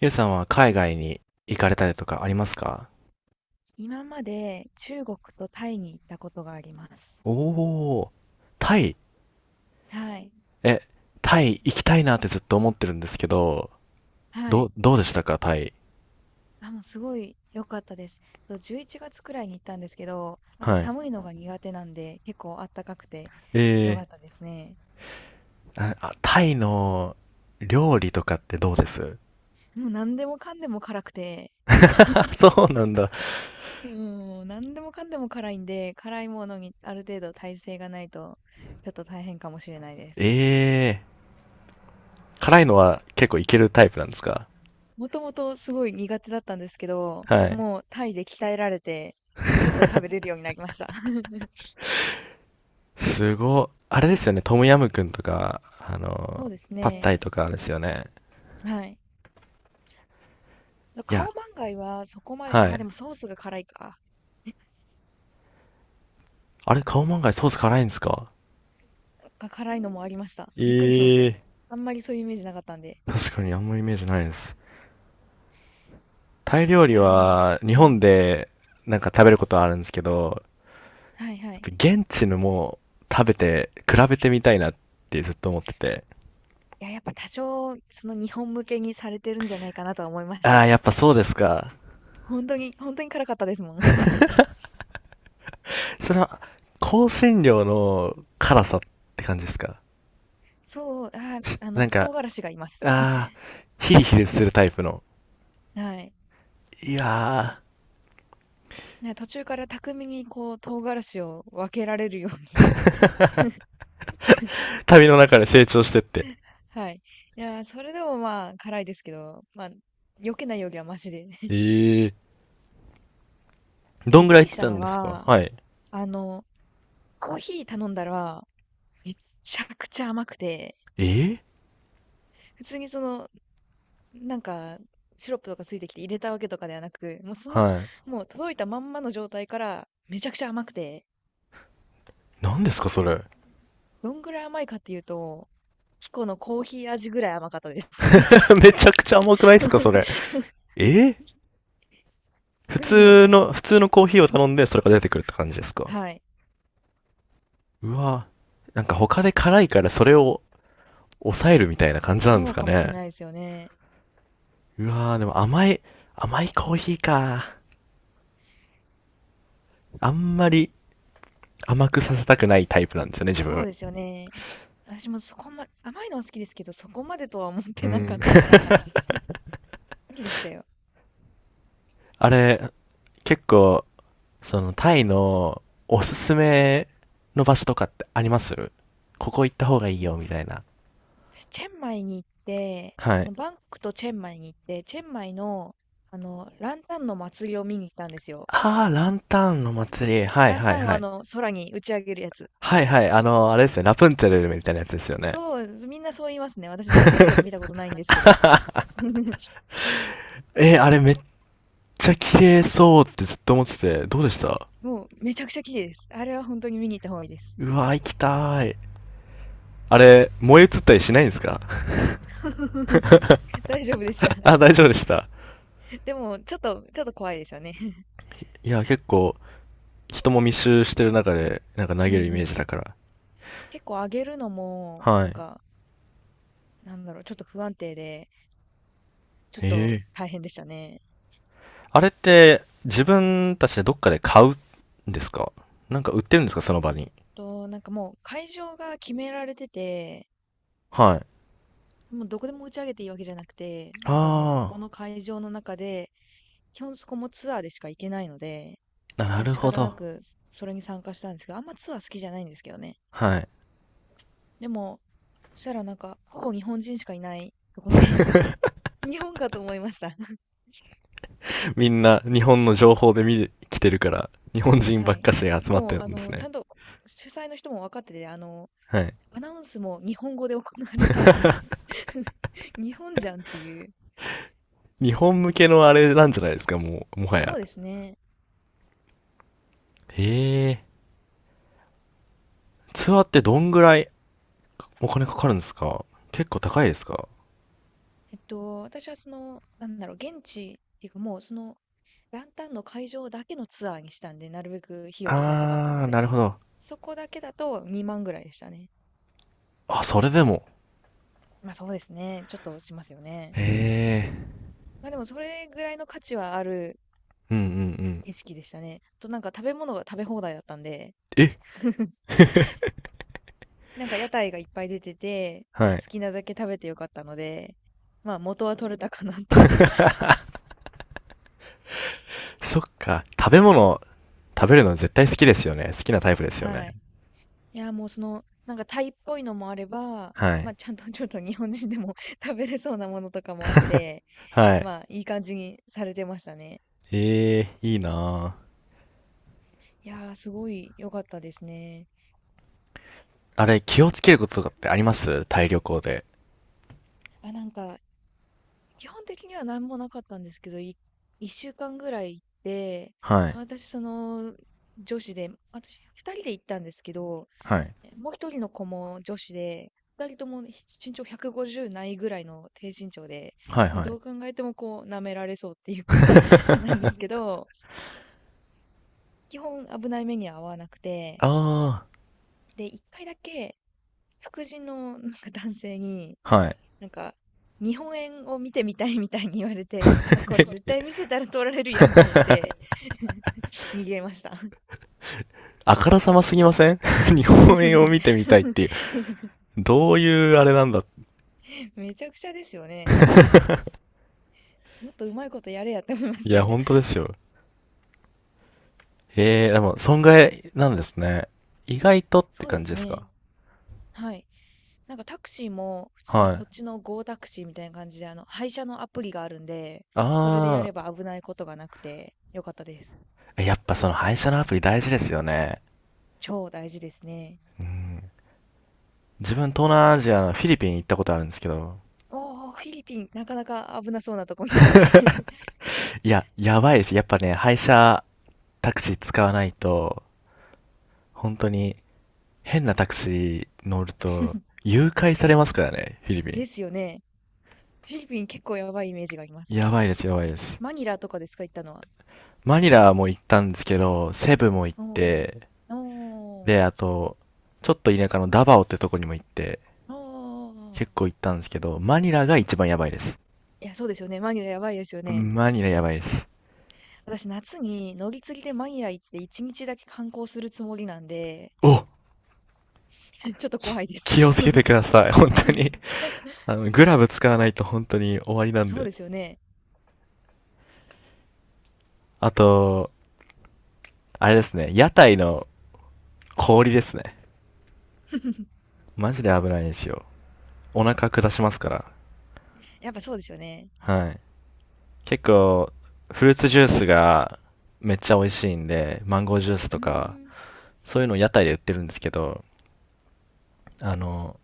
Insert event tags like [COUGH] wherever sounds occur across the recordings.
ゆうさんは海外に行かれたりとかありますか？今まで中国とタイに行ったことがあります。おおー、タイ。はい。え、タイ行きたいなってずっと思ってるんですけど、はどい。う、どうでしたか、タイ。あ、もうすごい良かったです。11月くらいに行ったんですけど、私はい。寒いのが苦手なんで、結構あったかくて良えかったですね。あタイの料理とかってどうです？もう何でもかんでも辛くて、あ、[LAUGHS] そうなんだ。もう何でもかんでも辛いんで、辛いものにある程度耐性がないと、ちょっと大変かもしれないです。えー、辛いのは結構いけるタイプなんですか？もともとすごい苦手だったんですけど、はい。もうタイで鍛えられて、ちょっと食べれるようになりました。[LAUGHS] あれですよね、トムヤムクンとか、そうですパッタね。イとかですよね。はい。いや、顔カオはそこまで、はあ、でい。もソースが辛いか。あれ、カオマンガイソース辛いんですか？が辛いのもありました。びっくりしましたよ。ええ。あんまりそういうイメージなかったんで。確かにあんまイメージないです。タイ料い理や、でも、は日う本ん。でなんか食べることはあるんですけど、はいはい。やっぱ現地のも食べて比べてみたいなってずっと思ってて。いや、やっぱ多少、その日本向けにされてるんじゃないかなとは思いましたああ、よ。やっぱそうですか。本当に、本当に辛かったですもん。[LAUGHS] それは香辛料の辛さって感じですか？そう、なんか、唐辛子がいます。[LAUGHS] ああ、ヒリヒリするタイプの。はい。いやね、途中から巧みにこう唐辛子を分けられるように。ー [LAUGHS] 旅の中で成長してって。[LAUGHS] はい。いやー、それでもまあ辛いですけど、まあ、避けないよりはマシで。ええー。で、どびんっぐらくい行りっしてたたのんですか？が、はい。あの、コーヒー頼んだら、めちゃくちゃ甘くて、ええ普通にその、なんか、シロップとかついてきて入れたわけとかではなく、ー。はい。もう届いたまんまの状態から、めちゃくちゃ甘くて、何ですかそれ。どんぐらい甘いかっていうと、キコのコーヒー味ぐらい甘かったです。[LAUGHS] [LAUGHS] めちゃくちゃ甘くないですか、それ。えー普びっくりしまし通たよ。の、普通のコーヒーを頼んで、それが出てくるって感じですか。はい。うわぁ、なんか他で辛いからそれを抑えるみたいな感じなんでそすうかかもしれね。ないですよね。うわぁ、でも甘いコーヒーか。あんまり甘くさせたくないタイプなんですよね、自そう分。ですよね。私もそこま、甘いのは好きですけど、そこまでとは思っうてなかん。ったか [LAUGHS] ら、びっくりでしたよ。あれ、結構、タイのおすすめの場所とかってあります？ここ行った方がいいよ、みたいな。私、チェンマイに行って、はそい。のバンコクとチェンマイに行って、チェンマイの、ランタンの祭りを見に行ったんですよ。ああ、ランタンの祭り。はいランはいタンをはい。空に打ち上げるやつ。はいはい、あれですね、ラプンツェルみたいなやつですよね。そう、みんなそう言いますね。私、ラプンツェル見たことないんですけど。[LAUGHS] あれめっちゃ綺麗そうってずっと思ってて、どうでした？もう、めちゃくちゃ綺麗です。あれは本当に見に行った方がいいです。うわ、行きたーい。あれ、燃え移ったりしないんですか？ [LAUGHS] 大丈夫でした。[LAUGHS] あ、大丈夫でした。でも、ちょっと、ちょっと怖いですよね。[LAUGHS] いや、結構、人も密集してる中で、なんか投うんげうるイメージん。だから。結構上げるのも、はい。ちょっと不安定で、ちょっえとえ。大変でしたね。あれって、自分たちでどっかで買うんですか？なんか売ってるんですかその場えっに？もう会場が決められてて、はい。もうどこでも打ち上げていいわけじゃなくて、もうここあの会場の中で、基本そこもツアーでしか行けないので、あ、なだからる仕ほ方など。くそれに参加したんですけど、あんまツアー好きじゃないんですけどね。はい。でも、そしたらなんか、ほぼ日本人しかいないとこで、[LAUGHS] [LAUGHS] 日本かと思いました。[LAUGHS] みんな日本の情報で見てきてるから、日本人はばっい。かしが集まってもう、るんですちね。ゃんと主催の人も分かってて、はい。アナウンスも日本語で行われてて、[LAUGHS] 日本じゃんっていう。日本向けのあれなんじゃないですか、もう、もはそや。うですね。へえ。ツアーってどんぐらいお金かかるんですか？結構高いですか？私はその、現地っていうか、もうその、ランタンの会場だけのツアーにしたんで、なるべく費用を抑えたかったあのー、なで、るほど。そこだけだと2万ぐらいでしたね。あ、それでも。まあそうですね。ちょっとしますよね。へえ。まあでもそれぐらいの価値はあるうんうんうん。景色でしたね。あとなんか食べ物が食べ放題だったんで、え、 [LAUGHS] なんか屋台がいっぱい出てて、は好い。きなだけ食べてよかったので、まあ元は取れたかなと。そっか。食べ物、食べるの絶対好きですよね。好きなタイプで [LAUGHS] すよね。はい。いや、もうその、なんかタイっぽいのもあれば、はまい。あ、ちゃんとちょっと日本人でも [LAUGHS] 食べれそうなものとかもあって、はい。まあ、いい感じにされてましたね。ええ、いいなぁ。いやー、すごい良かったですね。あれ、気をつけることとかってあります？タイ旅行で。あ、なんか、基本的には何もなかったんですけど、1週間ぐらい行って、はい。私、その、女子で、私、2人で行ったんですけど、はい。もう一人の子も女子で、二人ともね身長150ないぐらいの低身長で、はいもうはどい。う考えてもこう、舐められそうっていう [LAUGHS] か [LAUGHS] なんですけど、基本危ない目には遭わなくて、あで、一回だけ、白人のなんか男性に、あ、はい。なんか、日本円を見てみたいみたいに言われて、あこれ絶対見 [LAUGHS] せたら取られるやんと思って、[LAUGHS] 逃げました。あからさますぎません？ [LAUGHS] 日本円を見てみたいっていう。[LAUGHS] どういうあれなんだ。めちゃくちゃですよね。[LAUGHS] もっとうまいことやれやって思いましいたや、よ。本当ですよ。ええ、でも、損害なんですね。意外とってそうで感じすですね。か？はい。なんかタクシーも普通にはこっい。ちの Go タクシーみたいな感じで、配車のアプリがあるんで、それでやあれば危ないことがなくてよかったです。あ、やっぱその配車のアプリ大事ですよね。超大事ですね。うん。自分東南アジアのフィリピン行ったことあるんですけど、おー、フィリピン、なかなか危なそうなとこに [LAUGHS] いや、やばいです。やっぱね、配車タクシー使わないと、本当に変なタクシー乗ると、誘拐されますからね、フィリピン。ですよね。フィリピン結構やばいイメージがあります。やばいです、やばいです。マニラとかですか、行ったのは。マニラも行ったんですけど、セブも行っおー、て、おー、で、あと、ちょっと田舎のダバオってとこにも行って、おー。結構行ったんですけど、マニラが一番やばいです。いや、そうですよね。マニラやばいですよね。マニラやばいです。私、夏に乗り継ぎでマニラ行って一日だけ観光するつもりなんで、お、 [LAUGHS] ちょっと怖いです。き気をつけてください、本当に。[LAUGHS] グラブ使わないと本当に終わりなんそうで。ですよね。あと、あれですね、屋台の氷ですね。[LAUGHS] マジで危ないですよ。お腹下しますから。やっぱそうですよね。はい。結構、フルーツジュースがめっちゃ美味しいんで、マンゴージュースうとーか、ん。そういうのを屋台で売ってるんですけど、あの、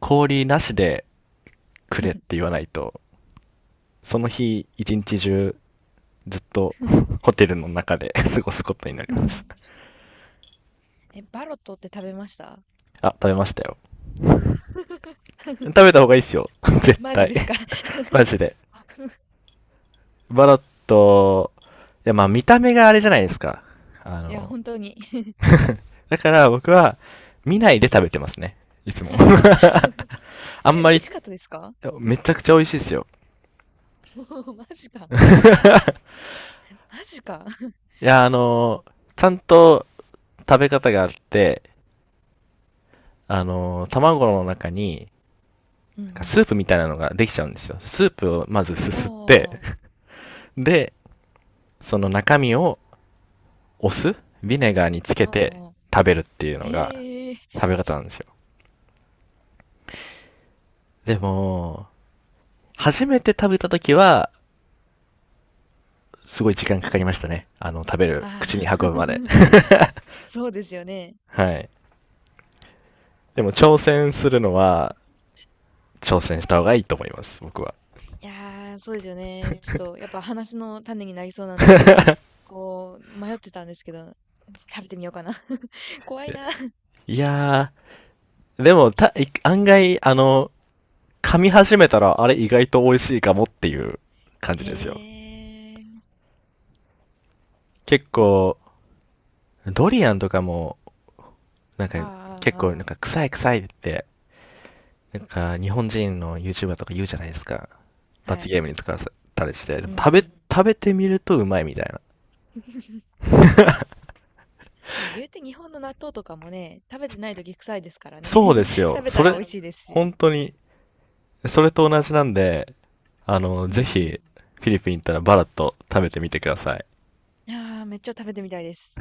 氷なしでくれって言わないと、その日一日中ずっと [LAUGHS] ホテルの中で [LAUGHS] 過ごすことになります。[LAUGHS] え、バロットって食べました？ あ、食べましたよ。[LAUGHS] 食べた方がいいっすよ [LAUGHS]。絶マジです対 か？ [LAUGHS]。マジで。[LAUGHS] バロット、いやまあ見た目があれじゃないですか。あいや、の 本当に。 [LAUGHS]、だから僕は見ないで食べてますね。いつも。[LAUGHS] [LAUGHS] あんえ、美まり。味いしかったですか？ やめちゃくちゃ美味しいですよ。[LAUGHS] マジか。マジか。[LAUGHS] いや、ちゃんと食べ方があって、卵の中に、うなんかんスープみたいなのができちゃうんですよ。スープをまずすうすっん。て、おで、その中身をお酢、ビネガーにつー、けてお食べるっていうー、のがへえ、食べ方なんですよ。でも、初めて食べた時は、すごい時間かかりましたね。食べる、口にああ運ー、ぶまで。[LAUGHS] [LAUGHS] そうですよね。はい。でも挑戦するのは、挑戦した方がいいと思います、僕は。いやー、そうですよね。ちょっと、やっぱ話の種になりそうなんで、こう、迷ってたんですけど、食べてみようかな。[LAUGHS] 怖いな。[LAUGHS] いやー、でも、案外、噛み始めたら、あれ意外と美味しいかもっていう感じへですよ。え。結構、ドリアンとかも、なんか、ああ結あ構、あなんあか、臭い臭いって、なんか、日本人の YouTuber とか言うじゃないですか。あ。は罰い。ゲームに使わせたりして。でうもんう食べ、ん。食べてみるとうまいみたいな。[LAUGHS] ま、言うて日本の納豆とかもね、食べてない時臭いですからね。そうです [LAUGHS] よ。食べそたられ、美味しいですし。本当に、それと同じなんで、あの、うんうぜひ、ん。フィリピン行ったらバラッと食べてみてください。いや、めっちゃ食べてみたいです。